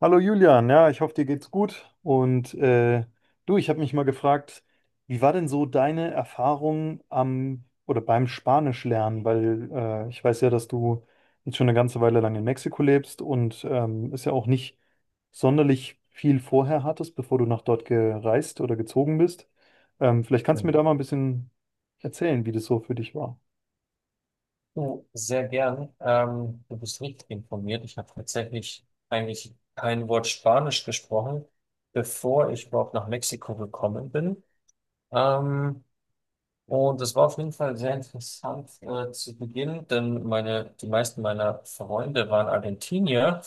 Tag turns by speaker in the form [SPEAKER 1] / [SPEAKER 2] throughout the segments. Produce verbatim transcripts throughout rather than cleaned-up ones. [SPEAKER 1] Hallo Julian, ja, ich hoffe, dir geht's gut. Und äh, du, ich habe mich mal gefragt, wie war denn so deine Erfahrung am oder beim Spanischlernen? Weil äh, ich weiß ja, dass du jetzt schon eine ganze Weile lang in Mexiko lebst und ähm, es ja auch nicht sonderlich viel vorher hattest, bevor du nach dort gereist oder gezogen bist. Ähm, vielleicht
[SPEAKER 2] Ja.
[SPEAKER 1] kannst du mir da mal ein bisschen erzählen, wie das so für dich war.
[SPEAKER 2] Du, sehr gern. Ähm, du bist richtig informiert. Ich habe tatsächlich eigentlich kein Wort Spanisch gesprochen, bevor ich überhaupt nach Mexiko gekommen bin. Ähm, Und es war auf jeden Fall sehr interessant äh, zu Beginn, denn meine, die meisten meiner Freunde waren Argentinier,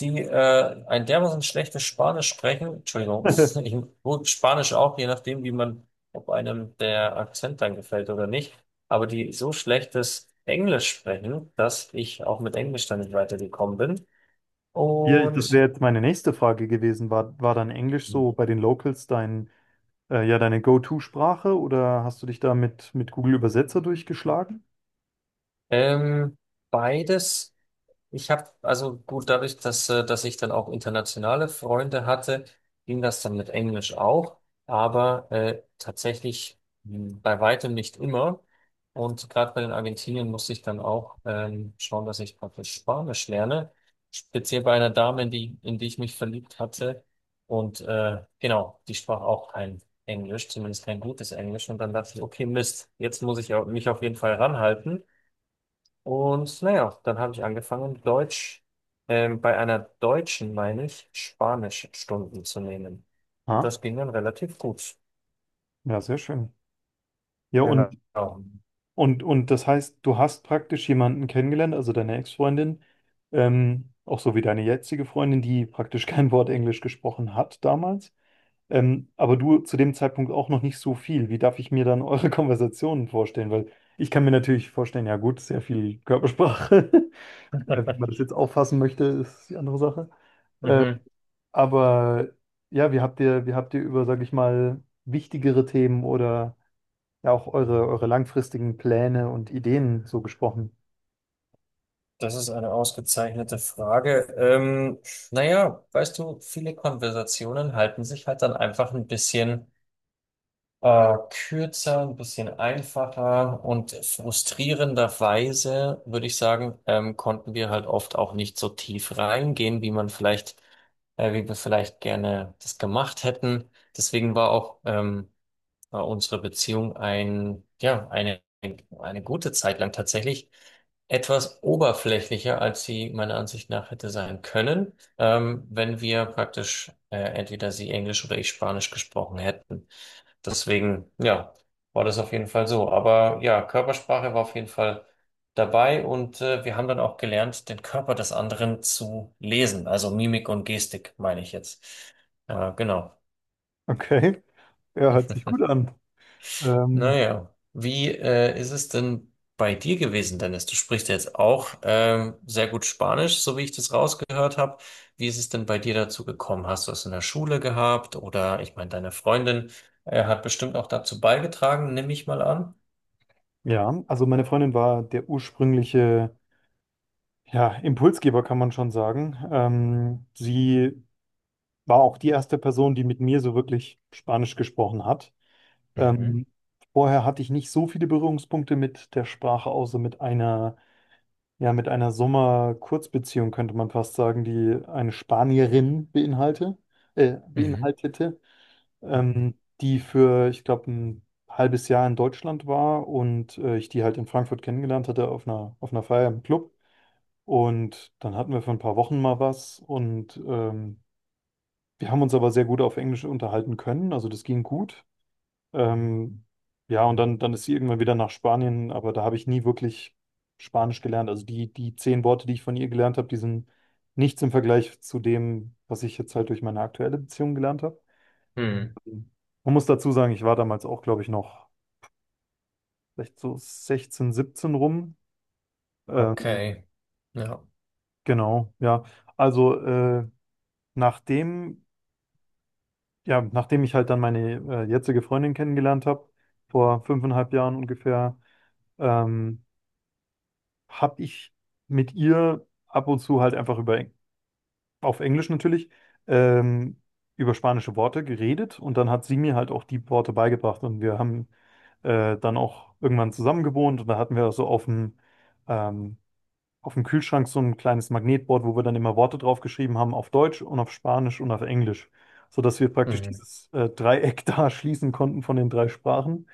[SPEAKER 2] die äh, ein dermaßen schlechtes Spanisch sprechen. Entschuldigung, ich, gut, Spanisch auch, je nachdem, wie man, ob einem der Akzent dann gefällt oder nicht, aber die so schlechtes Englisch sprechen, dass ich auch mit Englisch dann nicht weitergekommen bin.
[SPEAKER 1] Ja, ich- das
[SPEAKER 2] Und
[SPEAKER 1] wäre jetzt meine nächste Frage gewesen. War, war dann Englisch so bei den Locals dein Äh, ja, deine Go-To-Sprache oder hast du dich da mit, mit Google Übersetzer durchgeschlagen?
[SPEAKER 2] ähm, Beides. Ich habe, also gut, dadurch, dass, äh, dass ich dann auch internationale Freunde hatte, ging das dann mit Englisch auch, aber äh, tatsächlich mh, bei weitem nicht immer. Und gerade bei den Argentiniern musste ich dann auch ähm, schauen, dass ich praktisch Spanisch lerne, speziell bei einer Dame, in die, in die ich mich verliebt hatte. Und äh, genau, die sprach auch kein Englisch, zumindest kein gutes Englisch. Und dann dachte ich, okay, Mist, jetzt muss ich au- mich auf jeden Fall ranhalten. Und naja, dann habe ich angefangen, Deutsch, ähm, bei einer Deutschen, meine ich, Spanischstunden zu nehmen. Und
[SPEAKER 1] Ah,
[SPEAKER 2] das ging dann relativ gut.
[SPEAKER 1] ja, sehr schön. Ja,
[SPEAKER 2] Genau.
[SPEAKER 1] und, und, und das heißt, du hast praktisch jemanden kennengelernt, also deine Ex-Freundin, ähm, auch so wie deine jetzige Freundin, die praktisch kein Wort Englisch gesprochen hat damals. Ähm, aber du zu dem Zeitpunkt auch noch nicht so viel. Wie darf ich mir dann eure Konversationen vorstellen? Weil ich kann mir natürlich vorstellen, ja gut, sehr viel Körpersprache. Wie man das jetzt auffassen möchte, ist die andere Sache.
[SPEAKER 2] Mhm.
[SPEAKER 1] Aber ja, wie habt ihr, wie habt ihr über, sag ich mal, wichtigere Themen oder ja auch eure, eure langfristigen Pläne und Ideen so gesprochen?
[SPEAKER 2] Das ist eine ausgezeichnete Frage. Ähm, naja, weißt du, viele Konversationen halten sich halt dann einfach ein bisschen. Äh, kürzer, ein bisschen einfacher und frustrierenderweise, würde ich sagen, ähm, konnten wir halt oft auch nicht so tief reingehen, wie man vielleicht, äh, wie wir vielleicht gerne das gemacht hätten. Deswegen war auch ähm, war unsere Beziehung ein, ja, eine, eine gute Zeit lang tatsächlich etwas oberflächlicher, als sie meiner Ansicht nach hätte sein können, ähm, wenn wir praktisch äh, entweder sie Englisch oder ich Spanisch gesprochen hätten. Deswegen, ja, war das auf jeden Fall so. Aber ja, Körpersprache war auf jeden Fall dabei und äh, wir haben dann auch gelernt, den Körper des anderen zu lesen, also Mimik und Gestik, meine ich jetzt. Äh, genau.
[SPEAKER 1] Okay, ja, hört sich gut an. Ähm,
[SPEAKER 2] Naja, wie äh, ist es denn bei dir gewesen, Dennis? Du sprichst ja jetzt auch ähm, sehr gut Spanisch, so wie ich das rausgehört habe. Wie ist es denn bei dir dazu gekommen? Hast du es in der Schule gehabt? Oder ich meine, deine Freundin äh, hat bestimmt auch dazu beigetragen, nehme ich mal an.
[SPEAKER 1] ja, also meine Freundin war der ursprüngliche, ja, Impulsgeber, kann man schon sagen. Ähm, sie war auch die erste Person, die mit mir so wirklich Spanisch gesprochen hat.
[SPEAKER 2] Mhm.
[SPEAKER 1] Ähm, vorher hatte ich nicht so viele Berührungspunkte mit der Sprache, außer mit einer. Ja, mit einer Sommer-Kurzbeziehung könnte man fast sagen, die eine Spanierin beinhalte, äh,
[SPEAKER 2] Mhm.
[SPEAKER 1] beinhaltete,
[SPEAKER 2] Mhm.
[SPEAKER 1] ähm, die für, ich glaube, ein halbes Jahr in Deutschland war und äh, ich die halt in Frankfurt kennengelernt hatte auf einer, auf einer Feier im Club. Und dann hatten wir für ein paar Wochen mal was und ähm, wir haben uns aber sehr gut auf Englisch unterhalten können, also das ging gut. Ähm, ja, und dann, dann ist sie irgendwann wieder nach Spanien, aber da habe ich nie wirklich Spanisch gelernt. Also die, die zehn Worte, die ich von ihr gelernt habe, die sind nichts im Vergleich zu dem, was ich jetzt halt durch meine aktuelle Beziehung gelernt habe.
[SPEAKER 2] Mhm.
[SPEAKER 1] Man muss dazu sagen, ich war damals auch, glaube ich, noch vielleicht so sechzehn, siebzehn rum. Ähm,
[SPEAKER 2] Okay. Ja.
[SPEAKER 1] genau, ja. Also äh, nachdem, ja, nachdem ich halt dann meine äh, jetzige Freundin kennengelernt habe, vor fünfeinhalb Jahren ungefähr, ähm, habe ich mit ihr ab und zu halt einfach über, auf Englisch natürlich, ähm, über spanische Worte geredet und dann hat sie mir halt auch die Worte beigebracht und wir haben äh, dann auch irgendwann zusammen gewohnt und da hatten wir so auf dem, ähm, auf dem Kühlschrank so ein kleines Magnetboard, wo wir dann immer Worte draufgeschrieben haben auf Deutsch und auf Spanisch und auf Englisch, sodass wir praktisch
[SPEAKER 2] Mhm.
[SPEAKER 1] dieses äh, Dreieck da schließen konnten von den drei Sprachen.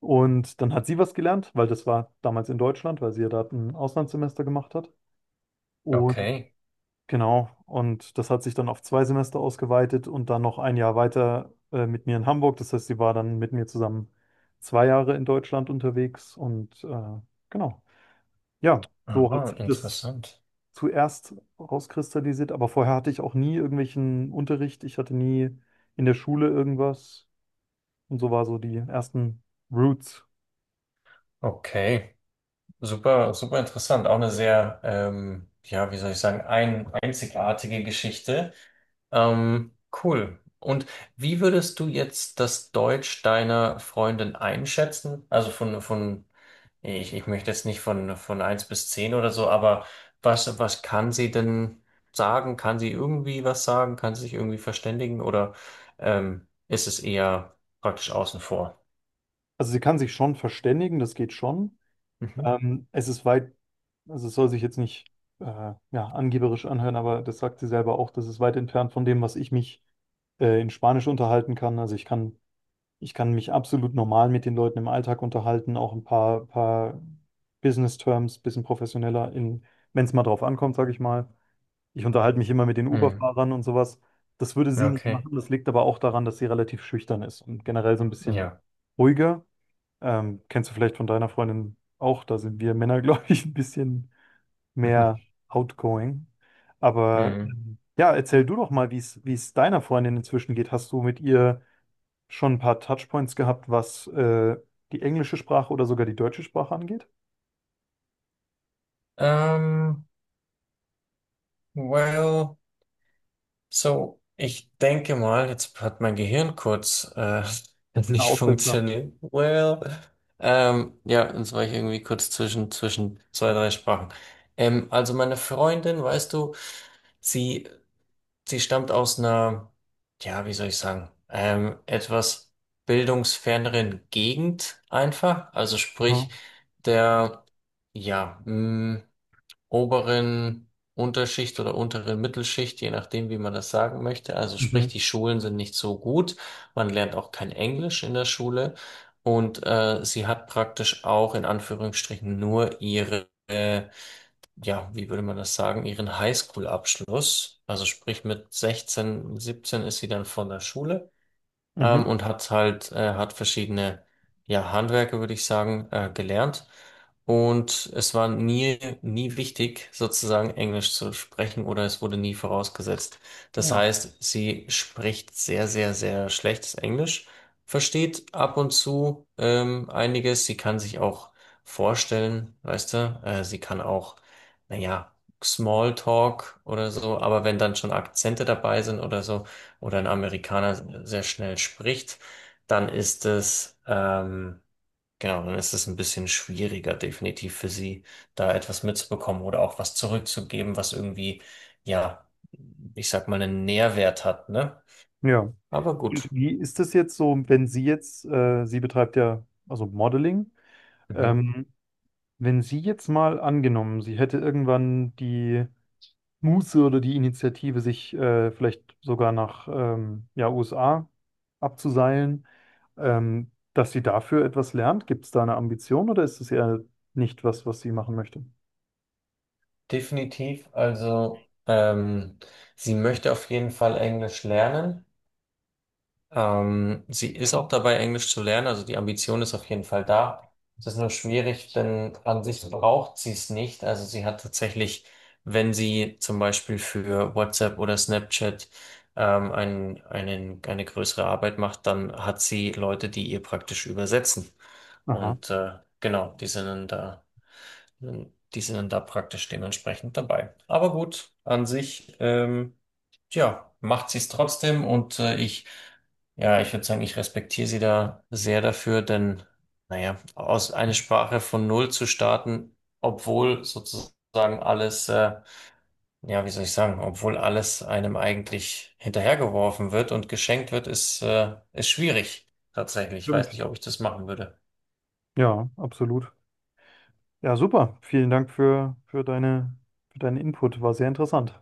[SPEAKER 1] Und dann hat sie was gelernt, weil das war damals in Deutschland, weil sie ja da ein Auslandssemester gemacht hat. Und
[SPEAKER 2] Okay.
[SPEAKER 1] genau, und das hat sich dann auf zwei Semester ausgeweitet und dann noch ein Jahr weiter äh, mit mir in Hamburg. Das heißt, sie war dann mit mir zusammen zwei Jahre in Deutschland unterwegs und äh, genau. Ja, so
[SPEAKER 2] Aha,
[SPEAKER 1] hat sich das
[SPEAKER 2] interessant.
[SPEAKER 1] zuerst rauskristallisiert, aber vorher hatte ich auch nie irgendwelchen Unterricht. Ich hatte nie in der Schule irgendwas und so war so die ersten Roots.
[SPEAKER 2] Okay. Super, super interessant. Auch eine sehr, ähm, ja, wie soll ich sagen, ein, einzigartige Geschichte. Ähm, cool. Und wie würdest du jetzt das Deutsch deiner Freundin einschätzen? Also von, von, ich, ich möchte jetzt nicht von, von eins bis zehn oder so, aber was, was kann sie denn sagen? Kann sie irgendwie was sagen? Kann sie sich irgendwie verständigen? Oder ähm, ist es eher praktisch außen vor?
[SPEAKER 1] Also sie kann sich schon verständigen, das geht schon.
[SPEAKER 2] Mhm.
[SPEAKER 1] Ähm, es ist weit, also es soll sich jetzt nicht äh, ja, angeberisch anhören, aber das sagt sie selber auch, das ist weit entfernt von dem, was ich mich äh, in Spanisch unterhalten kann. Also ich kann, ich kann mich absolut normal mit den Leuten im Alltag unterhalten, auch ein paar, paar Business-Terms, bisschen professioneller, in, wenn es mal drauf ankommt, sage ich mal. Ich unterhalte mich immer mit den
[SPEAKER 2] Hm.
[SPEAKER 1] Uber-Fahrern und sowas. Das würde sie nicht
[SPEAKER 2] Okay.
[SPEAKER 1] machen, das liegt aber auch daran, dass sie relativ schüchtern ist und generell so ein bisschen
[SPEAKER 2] Ja.
[SPEAKER 1] ruhiger. Ähm, kennst du vielleicht von deiner Freundin auch? Da sind wir Männer, glaube ich, ein bisschen mehr outgoing. Aber
[SPEAKER 2] Mhm.
[SPEAKER 1] ähm, ja, erzähl du doch mal, wie es wie es deiner Freundin inzwischen geht. Hast du mit ihr schon ein paar Touchpoints gehabt, was äh, die englische Sprache oder sogar die deutsche Sprache angeht?
[SPEAKER 2] Ähm, well, so, ich denke mal, jetzt hat mein Gehirn kurz äh,
[SPEAKER 1] Na,
[SPEAKER 2] nicht
[SPEAKER 1] Aussetzer.
[SPEAKER 2] funktioniert. Well, ähm, ja, jetzt war ich irgendwie kurz zwischen, zwischen zwei, drei Sprachen. Ähm, also meine Freundin, weißt du, sie, sie stammt aus einer, ja, wie soll ich sagen, ähm, etwas bildungsferneren Gegend einfach. Also
[SPEAKER 1] Aha.
[SPEAKER 2] sprich, der, ja, mh, oberen Unterschicht oder unteren Mittelschicht, je nachdem, wie man das sagen möchte. Also sprich,
[SPEAKER 1] Mhm.
[SPEAKER 2] die Schulen sind nicht so gut. Man lernt auch kein Englisch in der Schule. Und äh, sie hat praktisch auch in Anführungsstrichen nur ihre, äh, ja, wie würde man das sagen, ihren Highschool-Abschluss. Also sprich, mit sechzehn, siebzehn ist sie dann von der Schule ähm,
[SPEAKER 1] Mhm.
[SPEAKER 2] und hat halt, äh, hat verschiedene, ja, Handwerke, würde ich sagen, äh, gelernt. Und es war nie, nie wichtig, sozusagen Englisch zu sprechen oder es wurde nie vorausgesetzt. Das
[SPEAKER 1] Ja.
[SPEAKER 2] heißt, sie spricht sehr, sehr, sehr schlechtes Englisch, versteht ab und zu, ähm, einiges. Sie kann sich auch vorstellen, weißt du, äh, sie kann auch, naja, Smalltalk oder so, aber wenn dann schon Akzente dabei sind oder so, oder ein Amerikaner sehr schnell spricht, dann ist es, ähm, genau, dann ist es ein bisschen schwieriger, definitiv für sie, da etwas mitzubekommen oder auch was zurückzugeben, was irgendwie, ja, ich sag mal, einen Nährwert hat, ne?
[SPEAKER 1] Ja.
[SPEAKER 2] Aber
[SPEAKER 1] Und
[SPEAKER 2] gut.
[SPEAKER 1] wie ist es jetzt so, wenn sie jetzt, äh, sie betreibt ja also Modeling,
[SPEAKER 2] Mhm.
[SPEAKER 1] ähm, wenn sie jetzt mal angenommen, sie hätte irgendwann die Muße oder die Initiative, sich äh, vielleicht sogar nach ähm, ja, U S A abzuseilen, ähm, dass sie dafür etwas lernt? Gibt es da eine Ambition oder ist es eher nicht was, was sie machen möchte?
[SPEAKER 2] Definitiv, also ähm, sie möchte auf jeden Fall Englisch lernen. Ähm, sie ist auch dabei, Englisch zu lernen, also die Ambition ist auf jeden Fall da. Es ist nur schwierig, denn an sich braucht sie es nicht. Also sie hat tatsächlich, wenn sie zum Beispiel für WhatsApp oder Snapchat ähm, einen, einen, eine größere Arbeit macht, dann hat sie Leute, die ihr praktisch übersetzen.
[SPEAKER 1] Aha,
[SPEAKER 2] Und äh, genau, die sind dann da. Hm, die sind dann da praktisch dementsprechend dabei. Aber gut, an sich, ähm, ja, macht sie es trotzdem und äh, ich, ja, ich würde sagen, ich respektiere sie da sehr dafür, denn, naja, aus einer Sprache von Null zu starten, obwohl sozusagen alles, äh, ja, wie soll ich sagen, obwohl alles einem eigentlich hinterhergeworfen wird und geschenkt wird, ist, äh, ist schwierig, tatsächlich. Ich weiß
[SPEAKER 1] stimmt.
[SPEAKER 2] nicht, ob ich das machen würde.
[SPEAKER 1] Ja, absolut. Ja, super. Vielen Dank für, für deine, für deinen Input. War sehr interessant.